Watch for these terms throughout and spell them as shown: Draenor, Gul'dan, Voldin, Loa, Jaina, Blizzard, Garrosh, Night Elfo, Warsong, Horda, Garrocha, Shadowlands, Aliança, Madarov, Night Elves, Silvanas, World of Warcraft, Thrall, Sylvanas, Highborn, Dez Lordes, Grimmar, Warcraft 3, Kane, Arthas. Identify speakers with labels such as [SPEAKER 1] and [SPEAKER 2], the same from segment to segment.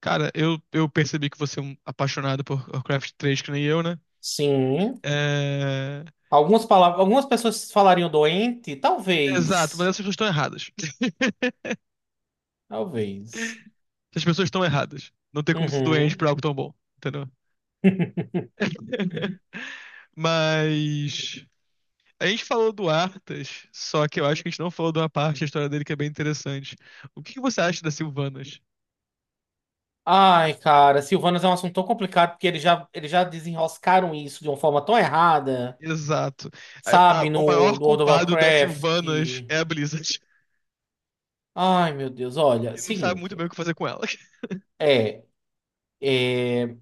[SPEAKER 1] Cara, eu percebi que você é um apaixonado por Warcraft 3, que nem eu, né?
[SPEAKER 2] Sim.
[SPEAKER 1] É.
[SPEAKER 2] Algumas palavras, algumas pessoas falariam doente?
[SPEAKER 1] Exato, mas
[SPEAKER 2] Talvez.
[SPEAKER 1] essas pessoas estão erradas.
[SPEAKER 2] Talvez.
[SPEAKER 1] Essas pessoas estão erradas. Não tem como ser doente
[SPEAKER 2] Uhum.
[SPEAKER 1] por algo tão bom, entendeu? Mas a gente falou do Arthas, só que eu acho que a gente não falou de uma parte da história dele que é bem interessante. O que que você acha das Sylvanas?
[SPEAKER 2] Ai, cara, Silvanas é um assunto tão complicado porque eles já desenroscaram isso de uma forma tão errada,
[SPEAKER 1] Exato. A- a-
[SPEAKER 2] sabe?
[SPEAKER 1] o
[SPEAKER 2] No,
[SPEAKER 1] maior
[SPEAKER 2] no World of
[SPEAKER 1] culpado das Sylvanas
[SPEAKER 2] Warcraft.
[SPEAKER 1] é a Blizzard,
[SPEAKER 2] Ai, meu Deus, olha,
[SPEAKER 1] que não sabe muito
[SPEAKER 2] seguinte.
[SPEAKER 1] bem o que fazer com ela.
[SPEAKER 2] É, é,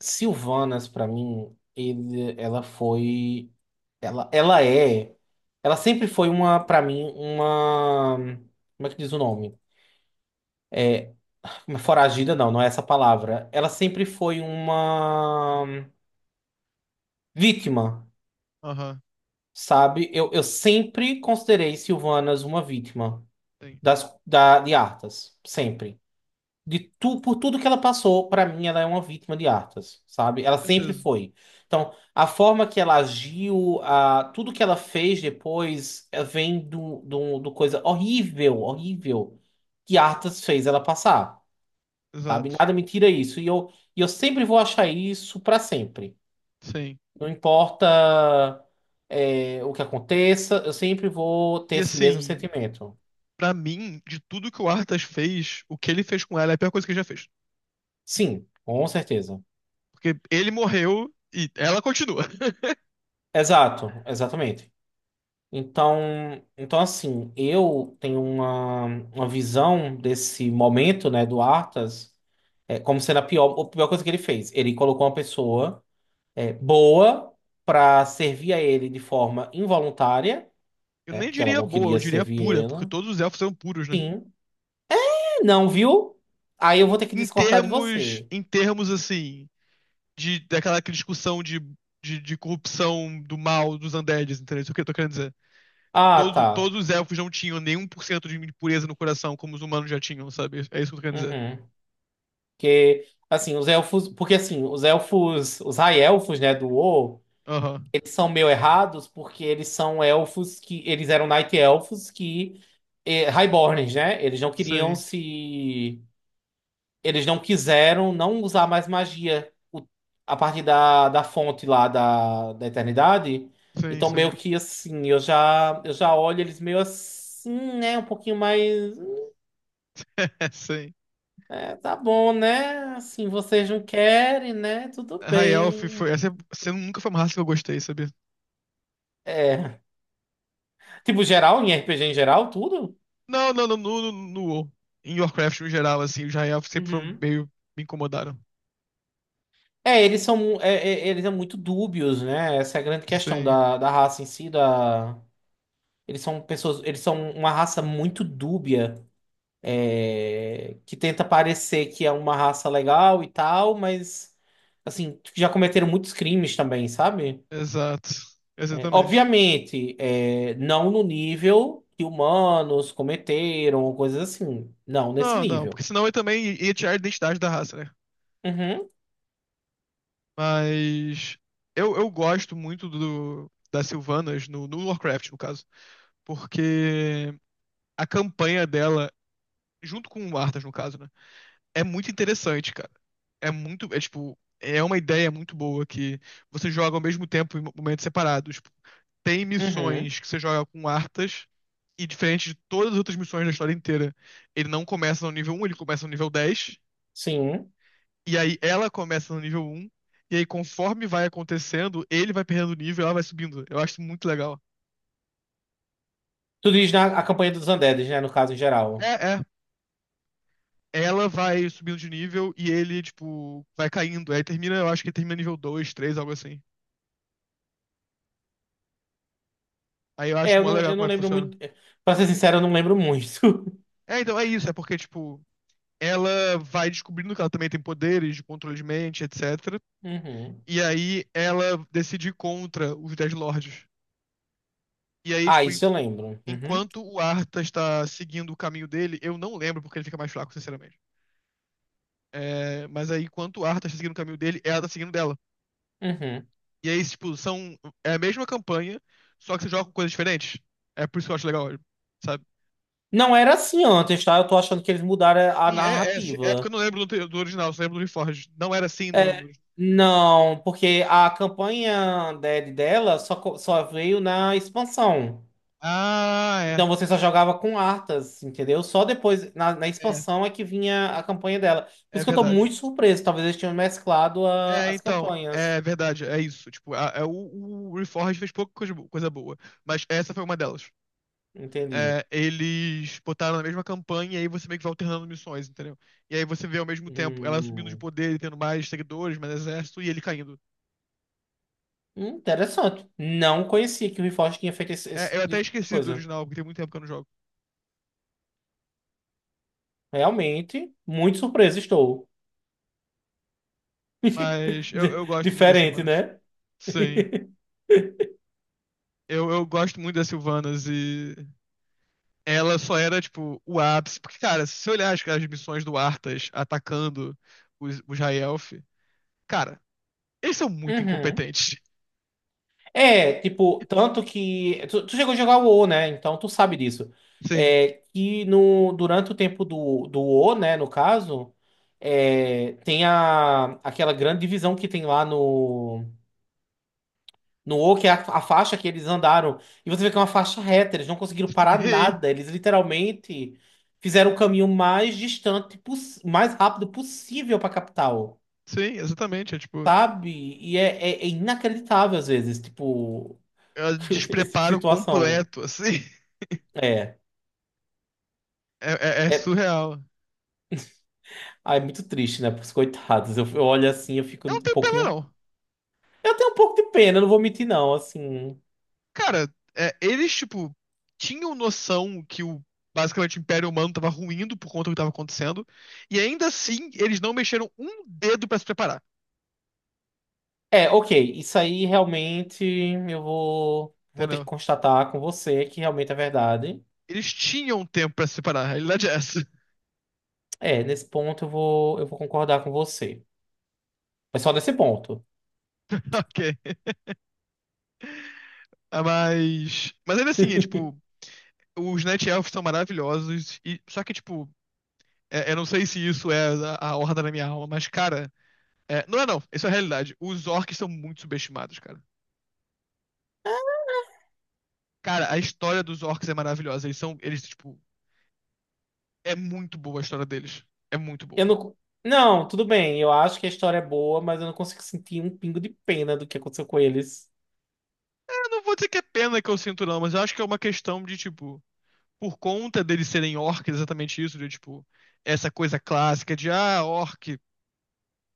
[SPEAKER 2] Silvanas, pra mim, ela foi. Ela é. Ela sempre foi uma, pra mim, uma. Como é que diz o nome? Foragida, não, não é essa palavra. Ela sempre foi uma vítima,
[SPEAKER 1] Aham,
[SPEAKER 2] sabe? Eu sempre considerei Silvanas uma vítima
[SPEAKER 1] tem.
[SPEAKER 2] de Arthas. Sempre. Por tudo que ela passou, pra mim ela é uma vítima de Arthas, sabe? Ela sempre
[SPEAKER 1] Certeza.
[SPEAKER 2] foi. Então, a forma que ela agiu, tudo que ela fez depois vem do coisa horrível, horrível que Arthas fez ela passar. Sabe?
[SPEAKER 1] Exato.
[SPEAKER 2] Nada me tira isso. E eu sempre vou achar isso para sempre.
[SPEAKER 1] Sim.
[SPEAKER 2] Não importa, o que aconteça, eu sempre vou ter
[SPEAKER 1] E
[SPEAKER 2] esse mesmo
[SPEAKER 1] assim,
[SPEAKER 2] sentimento.
[SPEAKER 1] pra mim, de tudo que o Arthas fez, o que ele fez com ela é a pior coisa que ele já fez.
[SPEAKER 2] Sim, com certeza.
[SPEAKER 1] Porque ele morreu e ela continua.
[SPEAKER 2] Exato, exatamente. Então, então assim, eu tenho uma visão desse momento, né, do Arthas, como sendo a pior coisa que ele fez. Ele colocou uma pessoa, boa para servir a ele de forma involuntária,
[SPEAKER 1] Eu
[SPEAKER 2] né?
[SPEAKER 1] nem
[SPEAKER 2] Porque ela
[SPEAKER 1] diria
[SPEAKER 2] não
[SPEAKER 1] boa, eu
[SPEAKER 2] queria
[SPEAKER 1] diria
[SPEAKER 2] servir
[SPEAKER 1] pura, porque
[SPEAKER 2] Viena.
[SPEAKER 1] todos os elfos são puros, né?
[SPEAKER 2] Sim. Não, viu? Aí eu vou ter que
[SPEAKER 1] Em
[SPEAKER 2] discordar de
[SPEAKER 1] termos,
[SPEAKER 2] você.
[SPEAKER 1] em termos assim, de daquela aquela discussão de corrupção do mal dos undeads, entendeu? Isso é o que eu tô querendo dizer. Tipo,
[SPEAKER 2] Ah,
[SPEAKER 1] todos,
[SPEAKER 2] tá.
[SPEAKER 1] todos os elfos não tinham nem um por cento de pureza no coração, como os humanos já tinham, sabe? É isso que eu tô querendo dizer.
[SPEAKER 2] Uhum. Porque, assim, os elfos. Os high-elfos, né, do WoW,
[SPEAKER 1] Aham.
[SPEAKER 2] eles são meio errados porque eles são elfos que. Eles eram Night Elfos que. Highborns, né? Eles não queriam
[SPEAKER 1] Sim,
[SPEAKER 2] se. Eles não quiseram não usar mais magia a partir da fonte lá da eternidade.
[SPEAKER 1] sim,
[SPEAKER 2] Então,
[SPEAKER 1] sim.
[SPEAKER 2] meio que assim, eu já olho eles meio assim, né? Um pouquinho mais.
[SPEAKER 1] Sim.
[SPEAKER 2] É, tá bom, né? Assim, vocês não querem, né? Tudo
[SPEAKER 1] High Elf foi.
[SPEAKER 2] bem.
[SPEAKER 1] Essa nunca foi uma raça que eu gostei, sabia?
[SPEAKER 2] É. Tipo, geral, em RPG em geral, tudo?
[SPEAKER 1] Não, não, não, no WoW. Em Warcraft no geral, assim, os High Elf sempre foram
[SPEAKER 2] Uhum.
[SPEAKER 1] meio, me incomodaram.
[SPEAKER 2] É, eles são, muito dúbios, né? Essa é a grande questão
[SPEAKER 1] Sim,
[SPEAKER 2] da raça em si, da... Eles são uma raça muito dúbia. Que tenta parecer que é uma raça legal e tal, mas assim, já cometeram muitos crimes também, sabe?
[SPEAKER 1] exato.
[SPEAKER 2] É,
[SPEAKER 1] Exatamente.
[SPEAKER 2] obviamente, não no nível que humanos cometeram, ou coisas assim. Não, nesse
[SPEAKER 1] Não, não, porque
[SPEAKER 2] nível.
[SPEAKER 1] senão eu também ia tirar a identidade da raça, né?
[SPEAKER 2] Uhum,
[SPEAKER 1] Mas. Eu gosto muito das Sylvanas no Warcraft, no caso. Porque a campanha dela, junto com o Arthas, no caso, né, é muito interessante, cara. É muito, é tipo, é uma ideia muito boa que você joga ao mesmo tempo em momentos separados. Tipo, tem
[SPEAKER 2] uhum,
[SPEAKER 1] missões que você joga com Arthas e diferente de todas as outras missões da história inteira, ele não começa no nível um, ele começa no nível 10
[SPEAKER 2] sim.
[SPEAKER 1] e aí ela começa no nível um e aí conforme vai acontecendo, ele vai perdendo nível, e ela vai subindo. Eu acho muito legal.
[SPEAKER 2] Tu diz na a campanha dos Andedes, né? No caso em geral.
[SPEAKER 1] É, é. Ela vai subindo de nível e ele, tipo, vai caindo. Aí termina, eu acho que termina nível 2, 3, algo assim. Aí eu
[SPEAKER 2] É,
[SPEAKER 1] acho
[SPEAKER 2] eu
[SPEAKER 1] mó
[SPEAKER 2] não,
[SPEAKER 1] legal
[SPEAKER 2] eu
[SPEAKER 1] como
[SPEAKER 2] não
[SPEAKER 1] é que
[SPEAKER 2] lembro
[SPEAKER 1] funciona.
[SPEAKER 2] muito. Pra ser sincero, eu não lembro muito.
[SPEAKER 1] É, então, é isso. É porque, tipo, ela vai descobrindo que ela também tem poderes de controle de mente, etc.
[SPEAKER 2] Uhum.
[SPEAKER 1] E aí ela decide ir contra os Dez Lordes. E aí,
[SPEAKER 2] Ah,
[SPEAKER 1] tipo,
[SPEAKER 2] isso eu lembro. Uhum,
[SPEAKER 1] enquanto o Arthas está seguindo o caminho dele, eu não lembro porque ele fica mais fraco, sinceramente. É, mas aí, enquanto o Arthas está seguindo o caminho dele, ela tá seguindo dela.
[SPEAKER 2] uhum.
[SPEAKER 1] E aí, tipo, são. É a mesma campanha, só que você joga com coisas diferentes. É por isso que eu acho legal, sabe?
[SPEAKER 2] Não era assim antes, tá? Eu tô achando que eles mudaram a
[SPEAKER 1] É porque eu
[SPEAKER 2] narrativa.
[SPEAKER 1] não lembro do original, só lembro do Reforged. Não era assim no...
[SPEAKER 2] É,
[SPEAKER 1] no...
[SPEAKER 2] não, porque a campanha dela só, só veio na expansão.
[SPEAKER 1] Ah,
[SPEAKER 2] Então você só jogava com Arthas, entendeu? Só depois, na
[SPEAKER 1] é.
[SPEAKER 2] expansão, é que vinha a campanha dela. Por
[SPEAKER 1] É
[SPEAKER 2] isso que eu tô
[SPEAKER 1] verdade.
[SPEAKER 2] muito surpreso. Talvez eles tenham mesclado
[SPEAKER 1] É,
[SPEAKER 2] as
[SPEAKER 1] então,
[SPEAKER 2] campanhas.
[SPEAKER 1] é verdade, é isso. Tipo, o Reforged fez pouca coisa, coisa boa, mas essa foi uma delas.
[SPEAKER 2] Entendi.
[SPEAKER 1] É, eles botaram na mesma campanha e aí você meio que vai alternando missões, entendeu? E aí você vê ao mesmo tempo ela subindo de
[SPEAKER 2] Hum,
[SPEAKER 1] poder e tendo mais seguidores, mais exército e ele caindo.
[SPEAKER 2] Interessante. Não conhecia que o Reforged tinha feito esse
[SPEAKER 1] É, eu
[SPEAKER 2] tipo
[SPEAKER 1] até
[SPEAKER 2] de
[SPEAKER 1] esqueci do
[SPEAKER 2] coisa.
[SPEAKER 1] original, porque tem muito tempo que eu não jogo.
[SPEAKER 2] Realmente, muito surpreso estou.
[SPEAKER 1] Mas eu,
[SPEAKER 2] Di-
[SPEAKER 1] eu gosto muito das
[SPEAKER 2] Diferente,
[SPEAKER 1] Sylvanas.
[SPEAKER 2] né?
[SPEAKER 1] Sim. Eu gosto muito das Sylvanas e ela só era, tipo, o ápice. Porque, cara, se você olhar as missões do Arthas atacando os High Elf, cara, eles são muito
[SPEAKER 2] Uhum.
[SPEAKER 1] incompetentes.
[SPEAKER 2] É, tipo, tanto que. Tu chegou a jogar o WoW, né? Então tu sabe disso.
[SPEAKER 1] Sim.
[SPEAKER 2] É, que no, durante o tempo do WoW, né? No caso, tem aquela grande divisão que tem lá no WoW, que é a faixa que eles andaram. E você vê que é uma faixa reta, eles não conseguiram parar
[SPEAKER 1] Sim,
[SPEAKER 2] nada. Eles literalmente fizeram o caminho mais distante, mais rápido possível pra capital.
[SPEAKER 1] sim, exatamente. É tipo,
[SPEAKER 2] Sabe? E é inacreditável às vezes, tipo,
[SPEAKER 1] é um
[SPEAKER 2] esse tipo de
[SPEAKER 1] despreparo
[SPEAKER 2] situação.
[SPEAKER 1] completo, assim.
[SPEAKER 2] É.
[SPEAKER 1] É, é
[SPEAKER 2] É,
[SPEAKER 1] surreal.
[SPEAKER 2] ah, é muito triste, né? Pros coitados. Eu olho assim, eu fico
[SPEAKER 1] Eu
[SPEAKER 2] um
[SPEAKER 1] não tenho pena,
[SPEAKER 2] pouquinho.
[SPEAKER 1] não.
[SPEAKER 2] Eu tenho um pouco de pena, não vou mentir, não. Assim.
[SPEAKER 1] Cara, é, eles, tipo, tinham noção que o. Basicamente, o Império Humano tava ruindo por conta do que tava acontecendo. E ainda assim, eles não mexeram um dedo pra se preparar.
[SPEAKER 2] É, ok. Isso aí realmente eu vou ter que
[SPEAKER 1] Entendeu?
[SPEAKER 2] constatar com você que realmente é verdade.
[SPEAKER 1] Eles tinham tempo pra se separar, a realidade é essa.
[SPEAKER 2] É, nesse ponto eu vou concordar com você. Mas só nesse ponto.
[SPEAKER 1] Ok. Ah, mas ainda assim, é tipo. Os Night Elves são maravilhosos. E. Só que, tipo. Eu não sei se isso é a horda da minha alma, mas, cara. Não é, não. Isso é a realidade. Os orcs são muito subestimados, cara. Cara, a história dos orcs é maravilhosa. Eles são. Eles, tipo. É muito boa a história deles. É muito
[SPEAKER 2] Eu
[SPEAKER 1] boa.
[SPEAKER 2] não. Não, tudo bem. Eu acho que a história é boa, mas eu não consigo sentir um pingo de pena do que aconteceu com eles.
[SPEAKER 1] Eu não vou dizer que é pena que eu sinto, não, mas eu acho que é uma questão de, tipo. Por conta deles serem orcs, exatamente isso, de, tipo, essa coisa clássica de ah, orc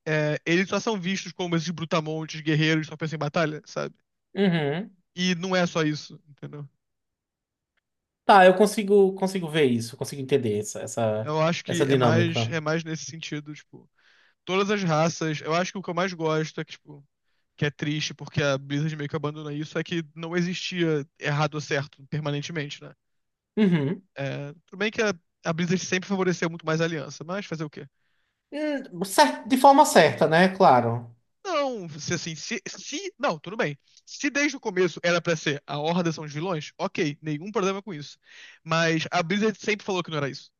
[SPEAKER 1] é, eles só são vistos como esses brutamontes, guerreiros, só pensam em batalha, sabe?
[SPEAKER 2] Uhum.
[SPEAKER 1] E não é só isso, entendeu?
[SPEAKER 2] Tá, eu consigo ver isso, consigo entender essa, essa,
[SPEAKER 1] Eu acho
[SPEAKER 2] essa
[SPEAKER 1] que
[SPEAKER 2] dinâmica.
[SPEAKER 1] é mais nesse sentido, tipo, todas as raças, eu acho que o que eu mais gosto é que, tipo, que é triste porque a Blizzard meio que abandona isso, é que não existia errado ou certo permanentemente, né?
[SPEAKER 2] Uhum.
[SPEAKER 1] É, tudo bem que a Blizzard sempre favoreceu muito mais a aliança, mas fazer o quê?
[SPEAKER 2] De forma certa, né? Claro.
[SPEAKER 1] Não, se assim, se. Não, tudo bem. Se desde o começo era pra ser a Horda são os vilões, ok, nenhum problema com isso. Mas a Blizzard sempre falou que não era isso.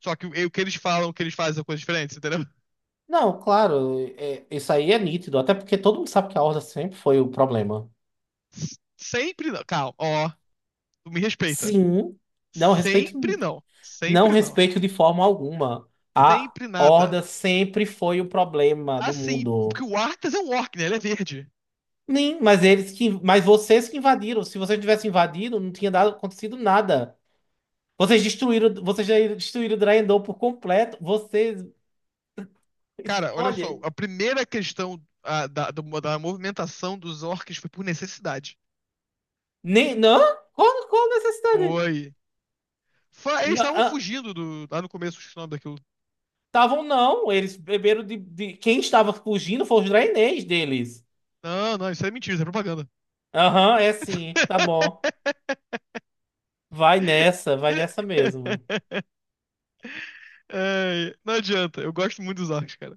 [SPEAKER 1] Só que o que eles falam, o que eles fazem são coisas diferentes, entendeu?
[SPEAKER 2] Não, claro, isso aí é nítido, até porque todo mundo sabe que a Horda sempre foi o problema.
[SPEAKER 1] Sempre não. Calma, ó, tu me respeita.
[SPEAKER 2] Sim, não respeito,
[SPEAKER 1] Sempre não.
[SPEAKER 2] não
[SPEAKER 1] Sempre não.
[SPEAKER 2] respeito de forma alguma. A
[SPEAKER 1] Sempre nada.
[SPEAKER 2] Horda sempre foi o problema do
[SPEAKER 1] Assim, porque
[SPEAKER 2] mundo.
[SPEAKER 1] o Arthas é um orc, né? Ele é verde.
[SPEAKER 2] Nem, mas vocês que invadiram. Se vocês tivessem invadido, não tinha dado, acontecido nada. Vocês já destruíram Draenor por completo. Vocês,
[SPEAKER 1] Cara, olha
[SPEAKER 2] olha,
[SPEAKER 1] só, a primeira questão da movimentação dos orcs foi por necessidade.
[SPEAKER 2] nem não, qual necessidade?
[SPEAKER 1] Foi. Eles estavam fugindo do, lá no começo, do o nome daquilo.
[SPEAKER 2] Estavam não, não, eles beberam quem estava fugindo foi os Draenês deles.
[SPEAKER 1] Não, não, isso é mentira, isso é propaganda.
[SPEAKER 2] Aham, é sim, tá bom. Vai nessa mesmo.
[SPEAKER 1] Ai, não adianta, eu gosto muito dos orcs, cara.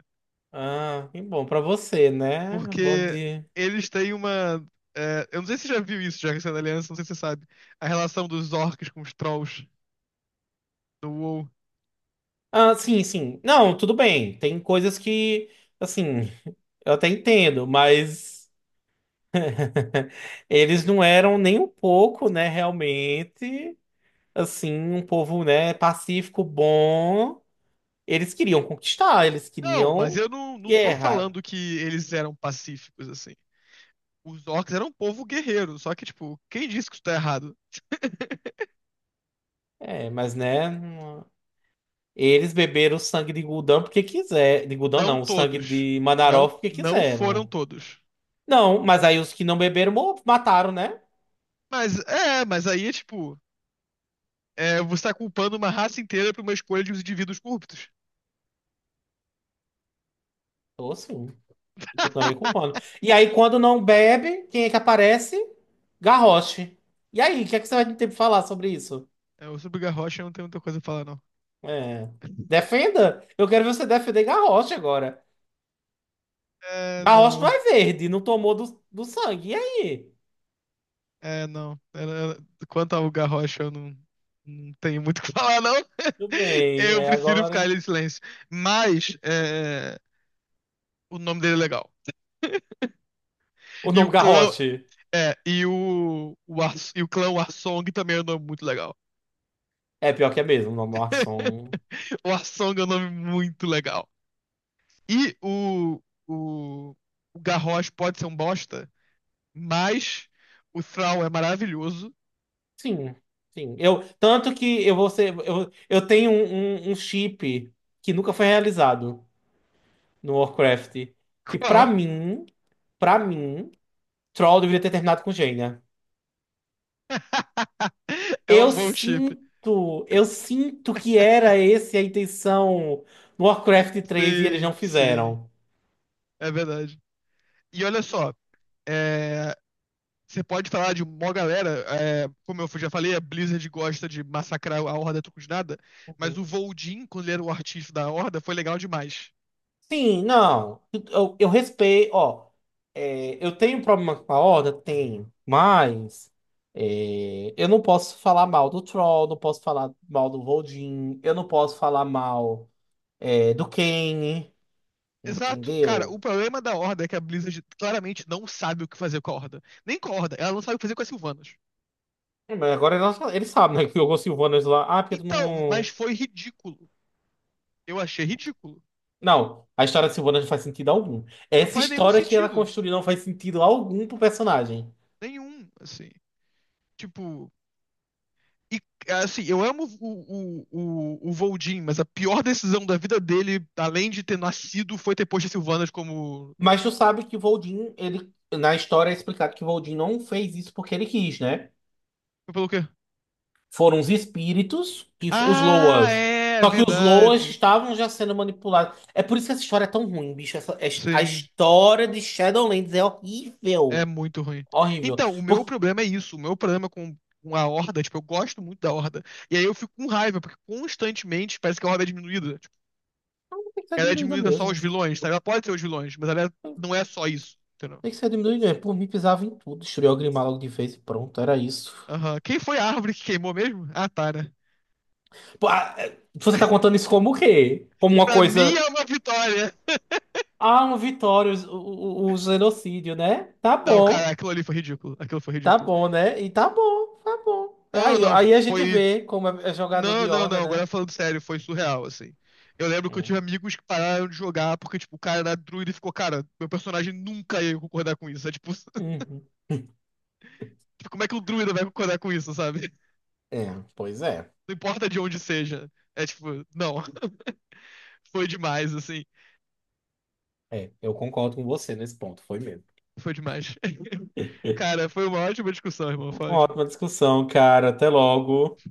[SPEAKER 2] Ah, que bom pra você, né? Bom
[SPEAKER 1] Porque
[SPEAKER 2] de.
[SPEAKER 1] eles têm uma. Eu não sei se você já viu isso, já que você é da Aliança, não sei se você sabe. A relação dos orcs com os trolls no WoW.
[SPEAKER 2] Ah, sim, sim. Não, tudo bem. Tem coisas que, assim, eu até entendo, mas Eles não eram nem um pouco, né, realmente, assim, um povo, né, pacífico, bom. Eles queriam conquistar, eles
[SPEAKER 1] Não, mas
[SPEAKER 2] queriam
[SPEAKER 1] eu não tô
[SPEAKER 2] guerra.
[SPEAKER 1] falando que eles eram pacíficos, assim. Os orcs eram um povo guerreiro, só que, tipo, quem disse que isso tá errado?
[SPEAKER 2] É, mas, né, eles beberam o sangue de Gul'dan porque quiser, de Gul'dan
[SPEAKER 1] Não
[SPEAKER 2] não, o sangue
[SPEAKER 1] todos.
[SPEAKER 2] de
[SPEAKER 1] Não,
[SPEAKER 2] Madarov porque
[SPEAKER 1] não foram
[SPEAKER 2] quiseram.
[SPEAKER 1] todos.
[SPEAKER 2] Não, mas aí os que não beberam mataram, né?
[SPEAKER 1] Mas é, mas aí é tipo, é, você tá culpando uma raça inteira por uma escolha de uns indivíduos corruptos.
[SPEAKER 2] Tô assim, e continuarei culpando. E aí quando não bebe, quem é que aparece? Garrosh. E aí, o que é que você vai ter pra falar sobre isso?
[SPEAKER 1] É, o sobre o Garrocha eu não tenho muita coisa a falar, não.
[SPEAKER 2] É. Defenda. Eu quero ver você defender Garrosh agora.
[SPEAKER 1] É,
[SPEAKER 2] Garrosh não
[SPEAKER 1] não.
[SPEAKER 2] é verde, não tomou do sangue. E aí?
[SPEAKER 1] É, não. Quanto ao Garrocha, eu não tenho muito o que falar, não.
[SPEAKER 2] Tudo bem,
[SPEAKER 1] Eu
[SPEAKER 2] é
[SPEAKER 1] prefiro ficar
[SPEAKER 2] agora.
[SPEAKER 1] ali em silêncio. Mas é, o nome dele é legal.
[SPEAKER 2] O
[SPEAKER 1] E o
[SPEAKER 2] nome
[SPEAKER 1] clã.
[SPEAKER 2] Garrosh.
[SPEAKER 1] É, e o clã Warsong também é um nome muito legal.
[SPEAKER 2] É pior que é mesmo, o nome Larson.
[SPEAKER 1] O Arsong é um nome muito legal. E o, o Garrosh pode ser um bosta, mas o Thrall é maravilhoso.
[SPEAKER 2] Sim, sim. Eu, tanto que eu vou ser. Eu tenho um chip que nunca foi realizado no Warcraft. Que
[SPEAKER 1] Qual?
[SPEAKER 2] pra mim, Troll deveria ter terminado com Jaina.
[SPEAKER 1] É um
[SPEAKER 2] Eu
[SPEAKER 1] bom chip.
[SPEAKER 2] sinto, eu sinto que era esse a intenção no Warcraft 3 e eles não
[SPEAKER 1] Sim, sim.
[SPEAKER 2] fizeram.
[SPEAKER 1] É verdade. E olha só, é, você pode falar de uma galera, é, como eu já falei, a Blizzard gosta de massacrar a Horda a troco de nada, mas o
[SPEAKER 2] Uhum.
[SPEAKER 1] Voldin, quando ele era o artista da Horda, foi legal demais.
[SPEAKER 2] Sim, não. Eu respeito, ó. Eu tenho problema com a Horda? Tenho. Mas eu não posso falar mal do Troll, não posso falar mal do Voldin, eu não posso falar mal do Kane,
[SPEAKER 1] Exato. Cara, o
[SPEAKER 2] entendeu?
[SPEAKER 1] problema da Horda é que a Blizzard claramente não sabe o que fazer com a Horda. Nem com a Horda, ela não sabe o que fazer com as Sylvanas.
[SPEAKER 2] É, mas agora eles sabem, né? Que jogou Sylvanas lá. Ah, porque tu
[SPEAKER 1] Então, mas
[SPEAKER 2] não.
[SPEAKER 1] foi ridículo. Eu achei ridículo.
[SPEAKER 2] Não, a história da Silvana não faz sentido algum.
[SPEAKER 1] Não
[SPEAKER 2] Essa
[SPEAKER 1] faz nenhum
[SPEAKER 2] história que ela
[SPEAKER 1] sentido.
[SPEAKER 2] construiu não faz sentido algum pro personagem.
[SPEAKER 1] Nenhum, assim. Tipo. E, assim, eu amo o Voldin, mas a pior decisão da vida dele, além de ter nascido, foi ter posto as Sylvanas como.
[SPEAKER 2] Mas tu sabe que o Voldin, ele, na história é explicado que o Voldin não fez isso porque ele quis, né?
[SPEAKER 1] Foi pelo quê?
[SPEAKER 2] Foram os espíritos e os
[SPEAKER 1] Ah,
[SPEAKER 2] Loas.
[SPEAKER 1] é,
[SPEAKER 2] Só que os Loas
[SPEAKER 1] verdade.
[SPEAKER 2] estavam já sendo manipulados. É por isso que essa história é tão ruim, bicho. A
[SPEAKER 1] Sim.
[SPEAKER 2] história de Shadowlands é
[SPEAKER 1] É
[SPEAKER 2] horrível.
[SPEAKER 1] muito ruim.
[SPEAKER 2] Horrível.
[SPEAKER 1] Então, o meu
[SPEAKER 2] Porque
[SPEAKER 1] problema é isso. O meu problema com a Horda, tipo, eu gosto muito da Horda. E aí eu fico com raiva, porque constantemente parece que a Horda é diminuída. Tipo,
[SPEAKER 2] tem que ser
[SPEAKER 1] ela é
[SPEAKER 2] diminuída
[SPEAKER 1] diminuída só aos
[SPEAKER 2] mesmo.
[SPEAKER 1] vilões, sabe? Ela pode ser os vilões, mas ela é, não é só isso, entendeu?
[SPEAKER 2] Tem que ser diminuída mesmo. Por mim, pisava em tudo. Destruiu o Grimmar logo de vez e pronto. Era isso.
[SPEAKER 1] Aham. Quem foi a árvore que queimou mesmo? Ah, tá, né?
[SPEAKER 2] Ah, Você tá contando isso como o quê? Como uma
[SPEAKER 1] Pra mim
[SPEAKER 2] coisa.
[SPEAKER 1] é uma vitória.
[SPEAKER 2] Ah, uma vitória, o genocídio, né?
[SPEAKER 1] Não, cara, aquilo ali foi ridículo. Aquilo foi
[SPEAKER 2] Tá
[SPEAKER 1] ridículo.
[SPEAKER 2] bom, né? E tá bom, tá bom. É
[SPEAKER 1] Não,
[SPEAKER 2] Aí,
[SPEAKER 1] não,
[SPEAKER 2] aí a gente
[SPEAKER 1] foi.
[SPEAKER 2] vê como é jogador
[SPEAKER 1] Não,
[SPEAKER 2] de
[SPEAKER 1] não,
[SPEAKER 2] horda,
[SPEAKER 1] não.
[SPEAKER 2] né?
[SPEAKER 1] Agora falando sério, foi surreal, assim. Eu lembro que eu
[SPEAKER 2] Hum.
[SPEAKER 1] tive amigos que pararam de jogar porque, tipo, o cara era druida e ficou, cara, meu personagem nunca ia concordar com isso. É tipo,
[SPEAKER 2] Uhum.
[SPEAKER 1] como é que o druida vai concordar com isso, sabe?
[SPEAKER 2] É, pois é.
[SPEAKER 1] Não importa de onde seja. É tipo, não. Foi demais, assim.
[SPEAKER 2] É, eu concordo com você nesse ponto, foi mesmo.
[SPEAKER 1] Foi demais. Cara, foi uma ótima discussão, irmão. Foi
[SPEAKER 2] Uma
[SPEAKER 1] ótimo.
[SPEAKER 2] ótima discussão, cara. Até logo.